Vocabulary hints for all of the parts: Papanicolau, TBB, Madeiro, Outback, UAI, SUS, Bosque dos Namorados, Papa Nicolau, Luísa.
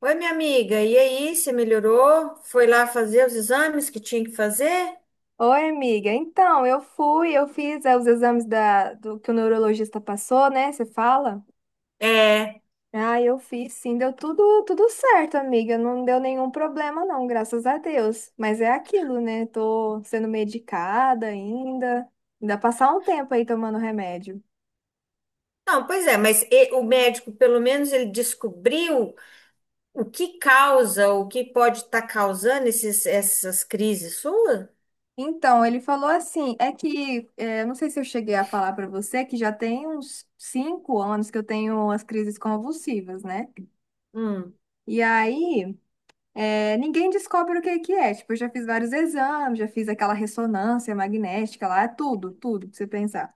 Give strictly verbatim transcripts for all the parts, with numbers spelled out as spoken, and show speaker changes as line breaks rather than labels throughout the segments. Oi, minha amiga, e aí, você melhorou? Foi lá fazer os exames que tinha que fazer?
Oi, amiga. Então, eu fui, eu fiz é, os exames da, do que o neurologista passou, né? Você fala?
É.
Ah, eu fiz, sim, deu tudo, tudo certo, amiga. Não deu nenhum problema, não, graças a Deus. Mas é aquilo, né? Tô sendo medicada ainda. Ainda passar um tempo aí tomando remédio.
Não, pois é, mas e- o médico, pelo menos, ele descobriu o que causa, o que pode estar causando esses, essas crises suas?
Então, ele falou assim, é que, é, não sei se eu cheguei a falar pra você, que já tem uns cinco anos que eu tenho as crises convulsivas, né?
Hum.
E aí É, ninguém descobre o que é que é. Tipo, eu já fiz vários exames, já fiz aquela ressonância magnética lá, é tudo, tudo pra você pensar.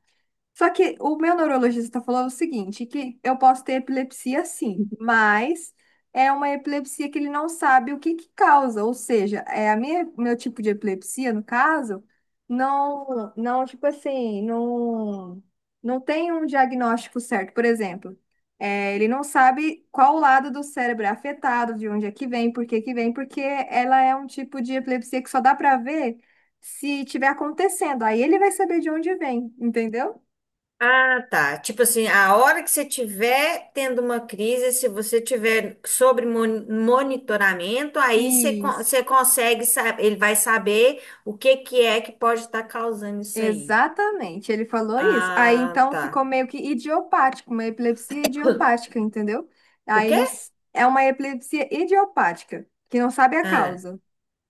Só que o meu neurologista falou o seguinte, que eu posso ter epilepsia sim, mas é uma epilepsia que ele não sabe o que que causa, ou seja, é a minha, meu tipo de epilepsia, no caso, não, não, tipo assim, não, não tem um diagnóstico certo, por exemplo, é, ele não sabe qual lado do cérebro é afetado, de onde é que vem, por que que vem, porque ela é um tipo de epilepsia que só dá para ver se tiver acontecendo, aí ele vai saber de onde vem, entendeu?
Ah, tá. Tipo assim, a hora que você tiver tendo uma crise, se você tiver sobre mon- monitoramento, aí você, con-
Isso,
você consegue saber, ele vai saber o que que é que pode estar causando isso aí.
exatamente, ele falou isso. Aí
Ah,
então ficou
tá.
meio que idiopático, uma epilepsia idiopática, entendeu?
O
Aí não,
quê?
s- é uma epilepsia idiopática, que não sabe a
Ah,
causa,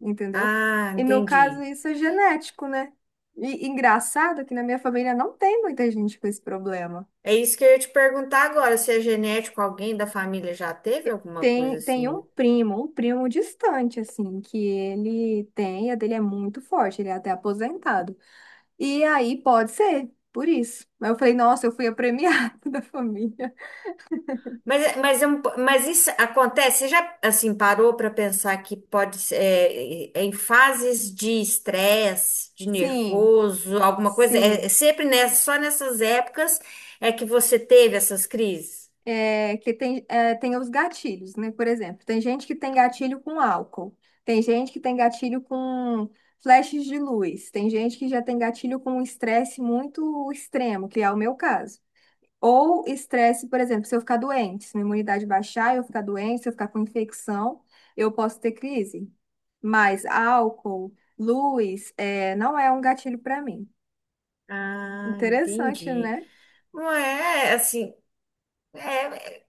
entendeu?
ah,
E no caso
entendi.
isso é genético, né? E engraçado que na minha família não tem muita gente com esse problema.
É isso que eu ia te perguntar agora, se é genético, alguém da família já teve alguma coisa
Tem, tem um
assim.
primo, um primo distante, assim, que ele tem, a dele é muito forte, ele é até aposentado. E aí pode ser, por isso. Mas eu falei, nossa, eu fui a premiada da família.
Mas, é- mas, é um mas isso acontece, você já assim parou para pensar que pode ser é, é é em fases de estresse, de
Sim,
nervoso, alguma coisa? É, é
sim.
sempre nessa, só nessas épocas é que você teve essas crises?
É, que tem, é, tem os gatilhos, né? Por exemplo, tem gente que tem gatilho com álcool, tem gente que tem gatilho com flashes de luz, tem gente que já tem gatilho com um estresse muito extremo, que é o meu caso. Ou estresse, por exemplo, se eu ficar doente, se minha imunidade baixar, eu ficar doente, se eu ficar com infecção, eu posso ter crise. Mas álcool, luz, é, não é um gatilho para mim.
Ah,
Interessante,
entendi.
né?
Não é assim, é,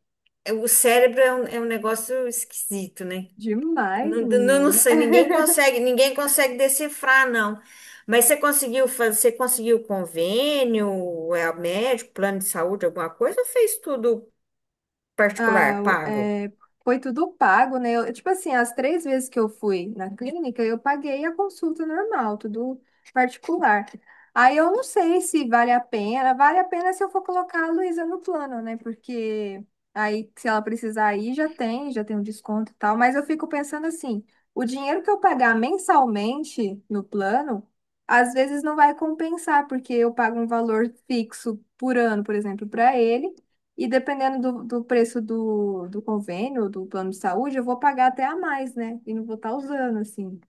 é- o cérebro é um é um negócio esquisito, né?
Demais,
Não, não, não
menina.
sei, ninguém consegue, ninguém consegue decifrar, não. Mas você conseguiu fazer, você conseguiu convênio, é médico, plano de saúde, alguma coisa, ou fez tudo
Ah,
particular,
o-
pago?
é, foi tudo pago, né? Eu, tipo assim, as três vezes que eu fui na clínica, eu paguei a consulta normal, tudo particular. Aí eu não sei se vale a pena. Vale a pena se eu for colocar a Luísa no plano, né? Porque aí, se ela precisar ir, já tem, já tem um desconto e tal. Mas eu fico pensando assim, o dinheiro que eu pagar mensalmente no plano, às vezes não vai compensar, porque eu pago um valor fixo por ano, por exemplo, para ele. E dependendo do, do preço do, do convênio, do plano de saúde, eu vou pagar até a mais, né? E não vou estar usando, assim.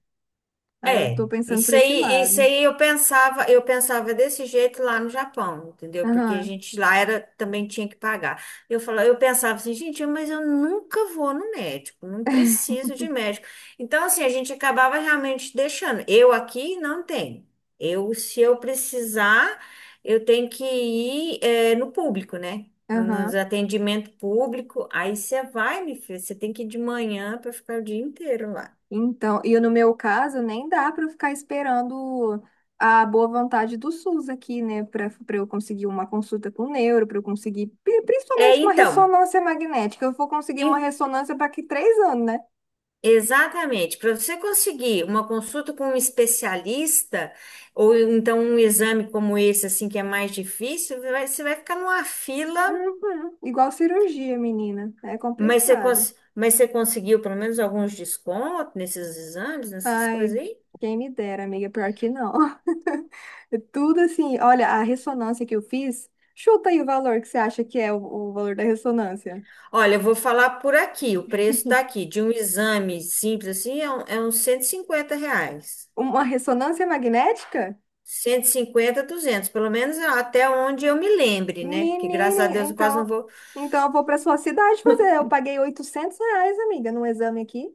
Aí eu tô
É,
pensando por
isso
esse
aí, isso
lado.
aí eu pensava, eu pensava desse jeito lá no Japão, entendeu? Porque a
Aham,
gente lá era também tinha que pagar. Eu falava, eu pensava assim, gente, mas eu nunca vou no médico, não preciso de médico. Então assim, a gente acabava realmente deixando. Eu aqui não tenho. Eu, se eu precisar, eu tenho que ir eh, no público, né? Nos
aham.
atendimento público. Aí você vai, me filho, você tem que ir de manhã para ficar o dia inteiro lá.
Então, e no meu caso, nem dá para eu ficar esperando a boa vontade do SUS aqui, né? Para para eu conseguir uma consulta com o neuro, para eu conseguir, pri-
É,
principalmente uma
então.
ressonância magnética. Eu vou conseguir uma ressonância para que três anos, né?
Exatamente. Para você conseguir uma consulta com um especialista, ou então um exame como esse, assim, que é mais difícil, vai- você vai ficar numa fila,
Uhum. Igual cirurgia, menina. É
mas você,
complicado.
cons- mas você conseguiu pelo menos alguns descontos nesses exames, nessas
Ai,
coisas aí?
quem me dera, amiga, pior que não. É tudo assim, olha, a ressonância que eu fiz, chuta aí o valor que você acha que é o, o valor da ressonância.
Olha, eu vou falar por aqui, o preço está aqui, de um exame simples assim, é, um- é uns cento e cinquenta reais.
Uma ressonância magnética?
Cento e cinquenta, duzentos, pelo menos até onde eu me lembre, né? Porque graças a
Menina,
Deus eu quase não
então,
vou.
então eu vou para sua cidade fazer. Eu paguei oitocentos reais, amiga, num exame aqui.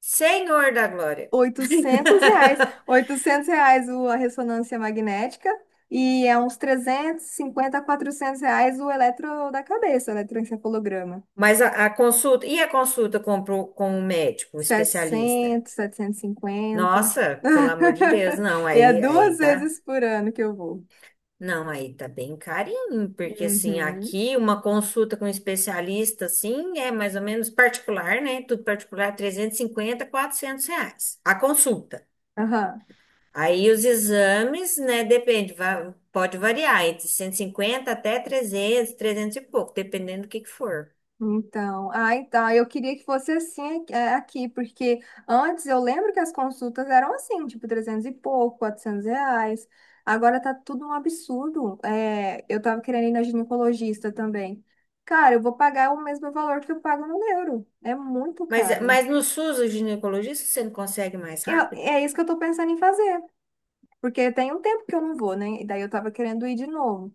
Senhor da Glória!
oitocentos reais. Oitocentos reais o- a ressonância magnética, e é uns trezentos e cinquenta a quatrocentos reais o eletro da cabeça, o eletroencefalograma.
Mas a, a consulta, e a consulta com, pro- com o médico, o especialista?
setecentos, setecentos E cinquenta.
Nossa, pelo amor de Deus, não,
E é
aí,
duas
aí tá,
vezes por ano que eu vou.
não, aí tá bem carinho, porque assim,
Uhum.
aqui uma consulta com um especialista, assim, é mais ou menos particular, né? Tudo particular, trezentos e cinquenta quatrocentos reais a consulta.
Aham.
Aí os exames, né, depende, va- pode variar entre cento e cinquenta até trezentos trezentos e pouco, dependendo do que que for.
Então, ah, então, eu queria que fosse assim é, aqui, porque antes eu lembro que as consultas eram assim, tipo trezentos e pouco, quatrocentos reais. Agora tá tudo um absurdo. É, eu tava querendo ir na ginecologista também. Cara, eu vou pagar o mesmo valor que eu pago no euro. É muito
Mas,
caro.
mas no SUS, o ginecologista, você não consegue mais
Eu-
rápido?
é é isso que eu tô pensando em fazer. Porque tem um tempo que eu não vou, né? E daí eu tava querendo ir de novo.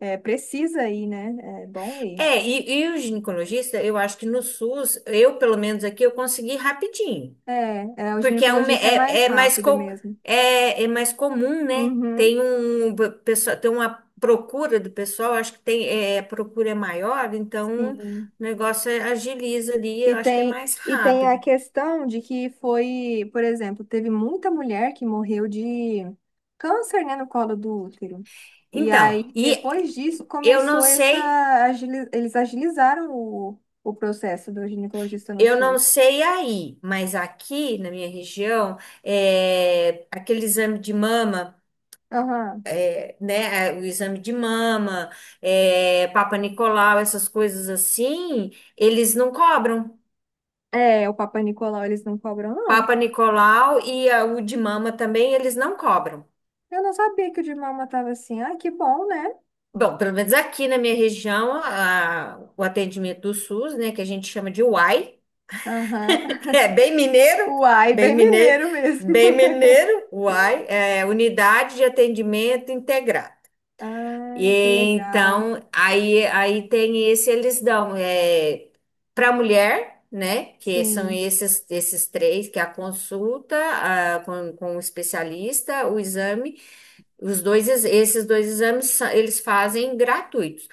É, precisa ir, né? É bom ir.
É, e, e o ginecologista, eu acho que no SUS, eu pelo menos aqui, eu consegui rapidinho.
É, é, o
Porque é, um, me-
ginecologista é mais
é, é, mais,
rápido
co-
mesmo.
é, é mais comum, né?
Uhum,
Tem um p- pessoa, tem uma procura do pessoal, acho que tem, é, a procura é maior, então o
sim.
negócio é- agiliza ali, eu
E
acho que é
tem,
mais
e tem a
rápido.
questão de que foi, por exemplo, teve muita mulher que morreu de câncer, né, no colo do útero. E
Então,
aí,
e
depois disso,
eu não
começou essa.
sei,
agili- Eles agilizaram o, o processo do ginecologista no
eu não
SUS.
sei aí, mas aqui na minha região, é, aquele exame de mama.
Aham.
Né, é, o exame de mama, é, Papa Nicolau, essas coisas assim, eles não cobram.
É, o Papai Nicolau eles não cobram, não.
Papa Nicolau e a- o de mama também, eles não cobram.
Eu não sabia que o de Malma tava assim. Ah, que bom, né?
Bom, pelo menos aqui na minha região, a- o atendimento do SUS, né, que a gente chama de UAI,
Aham.
é bem mineiro,
Uai,
bem
bem
mineiro,
mineiro mesmo.
bem mineiro, UAI, é Unidade de Atendimento Integrado. E
Ah, que legal.
então, aí, aí tem esse, eles dão é, para a mulher, né? Que são
Sim.
esses, esses três, que é a consulta a- com, com o especialista, o exame, os dois, ex- esses dois exames sa- eles fazem gratuitos.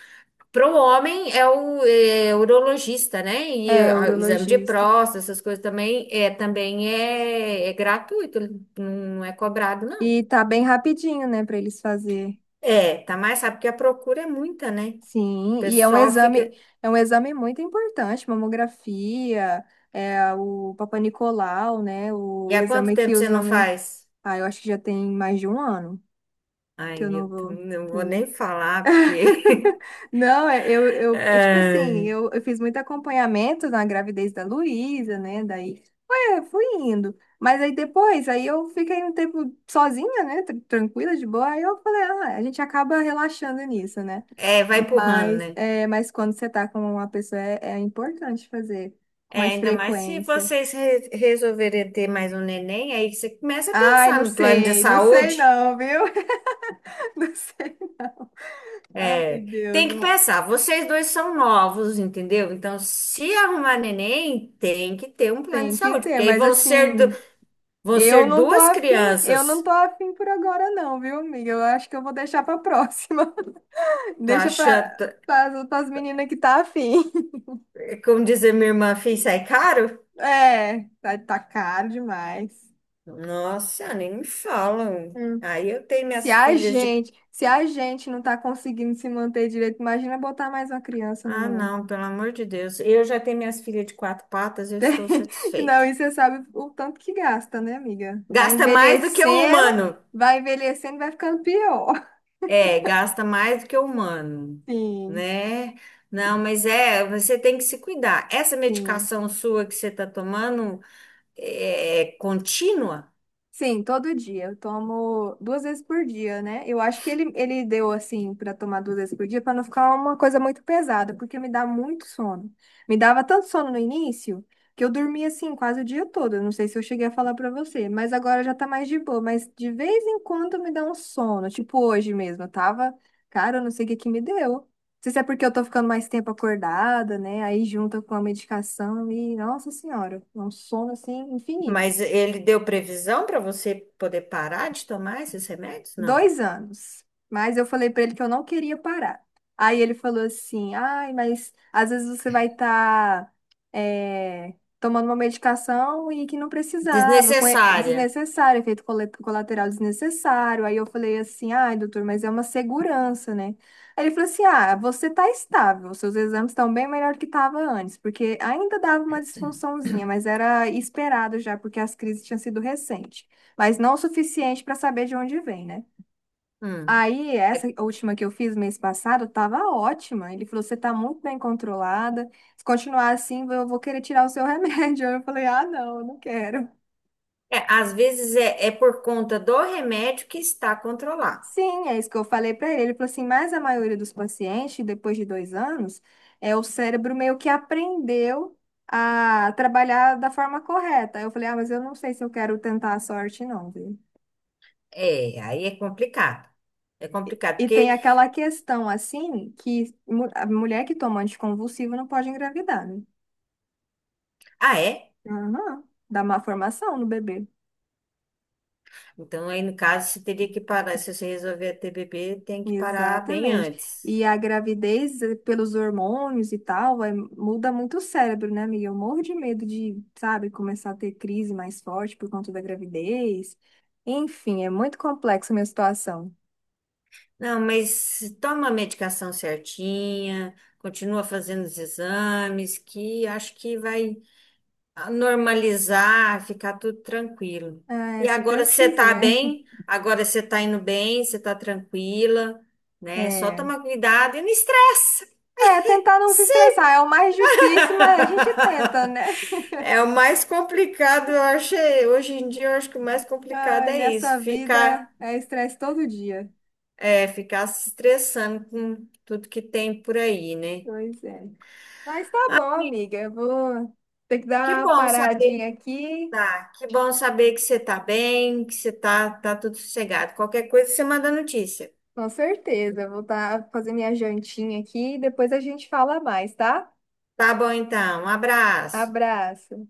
Para o homem é o é, urologista, né? E
É,
a- o exame de
urologista.
próstata, essas coisas também é, também é, é gratuito, não é cobrado, não.
E tá bem rapidinho, né, pra eles fazer.
É, tá mais, sabe, porque a procura é muita, né? O
Sim, e é um
pessoal
exame,
fica.
é um exame muito importante, mamografia, é o Papanicolau, né?
E
O
há quanto
exame que
tempo você
os
não
homens.
faz?
Ah, eu acho que já tem mais de um ano que eu
Ai,
não
eu
vou.
também não vou nem falar, porque.
Não, é- eu, eu, é tipo assim,
Ai.
eu, eu fiz muito acompanhamento na gravidez da Luísa, né? Daí foi, é, fui indo. Mas aí depois, aí eu fiquei um tempo sozinha, né? tran- Tranquila, de boa. Aí eu falei, ah, a gente acaba relaxando nisso, né?
É, vai empurrando,
Mas,
né?
é, mas quando você tá com uma pessoa, é, é importante fazer com
É,
mais
ainda mais se
frequência.
vocês re- resolverem ter mais um neném, aí você começa a
Ai,
pensar
não
no plano de
sei, não sei
saúde.
não, viu? Não sei. Ai,
É, tem
Deus,
que
não,
pensar, vocês dois são novos, entendeu? Então, se arrumar neném, tem que ter um plano de
tem que
saúde,
ter,
porque aí
mas
vão ser, du-
assim.
vão
Eu
ser
não tô
duas
afim, eu não
crianças.
tô afim por agora não, viu, amiga? Eu acho que eu vou deixar pra próxima.
Tô
Deixa pra,
achando,
pra, pras meninas que tá afim.
como dizer minha irmã, filho, sai caro?
É, tá, tá caro demais.
Nossa, nem me falam.
Hum.
Aí eu tenho
Se
minhas
a
filhas de.
gente, se a gente não tá conseguindo se manter direito, imagina botar mais uma criança no
Ah,
mundo.
não, pelo amor de Deus. Eu já tenho minhas filhas de quatro patas, eu estou
Não,
satisfeita.
e você sabe o tanto que gasta, né, amiga? Vai
Gasta mais do que o
envelhecendo,
humano.
vai envelhecendo, vai ficando pior.
É, gasta mais do que o humano,
Sim,
né? Não, mas é, você tem que se cuidar. Essa
sim.
medicação sua que você está tomando é é contínua,
Sim, todo dia. Eu tomo duas vezes por dia, né? Eu acho que ele, ele deu assim para tomar duas vezes por dia para não ficar uma coisa muito pesada, porque me dá muito sono. Me dava tanto sono no início que eu dormia assim quase o dia todo. Eu não sei se eu cheguei a falar para você, mas agora já tá mais de boa. Mas de vez em quando me dá um sono, tipo hoje mesmo. Eu tava, cara, eu não sei o que que me deu. Não sei se é porque eu tô ficando mais tempo acordada, né? Aí junta com a medicação e, nossa senhora, é um sono assim infinito.
mas ele deu previsão para você poder parar de tomar esses remédios? Não.
Dois anos, mas eu falei para ele que eu não queria parar. Aí ele falou assim, ai, mas às vezes você vai estar tomando uma medicação e que não precisava, com e-
Desnecessária.
desnecessário, efeito cole- colateral desnecessário. Aí eu falei assim, ai, doutor, mas é uma segurança, né? Aí ele falou assim, ah, você está estável, seus exames estão bem melhor que estava antes, porque ainda dava uma disfunçãozinha, mas era esperado já, porque as crises tinham sido recentes, mas não o suficiente para saber de onde vem, né?
Hum.
Aí, essa
É.
última que eu fiz mês passado tava ótima. Ele falou: você tá muito bem controlada. Se continuar assim, eu vou querer tirar o seu remédio. Eu falei: ah, não, eu não quero.
É, às vezes é, é por conta do remédio que está controlado.
Sim, é isso que eu falei para ele. Ele falou assim: mas a maioria dos pacientes, depois de dois anos, é o cérebro meio que aprendeu a trabalhar da forma correta. Aí eu falei: ah, mas eu não sei se eu quero tentar a sorte, não, viu?
É, aí é complicado. É complicado,
E tem
porque.
aquela questão assim que mu- a mulher que toma anticonvulsivo não pode engravidar, né?
Ah, é?
Aham, dá má formação no bebê.
Então, aí no caso, você teria que parar. Se você resolver a T B B, tem que parar bem
Exatamente.
antes.
E a gravidez, eh, pelos hormônios e tal, vai, muda muito o cérebro, né, amiga? Eu morro de medo de, sabe, começar a ter crise mais forte por conta da gravidez. Enfim, é muito complexa a minha situação.
Não, mas toma a medicação certinha, continua fazendo os exames, que acho que vai a normalizar, ficar tudo tranquilo.
É,
E
se
agora
Deus
você tá
quiser.
bem, agora você tá indo bem, você tá tranquila, né? Só
É.
tomar cuidado e não estressa.
É, tentar não se
Sim.
estressar é o mais difícil, mas a gente tenta, né?
É o mais complicado, eu achei. Hoje em dia, eu acho que o mais complicado
Ai,
é isso,
nessa vida
ficar,
é estresse todo dia.
é, ficar se estressando com tudo que tem por aí, né?
Pois é. Mas tá bom,
E
amiga. Eu vou ter que
que
dar uma
bom saber,
paradinha aqui.
tá, que bom saber que você tá bem, que você tá, tá tudo sossegado. Qualquer coisa, você manda notícia.
Com certeza. Eu vou tá fazer minha jantinha aqui e depois a gente fala mais, tá?
Tá bom, então. Um abraço.
Abraço.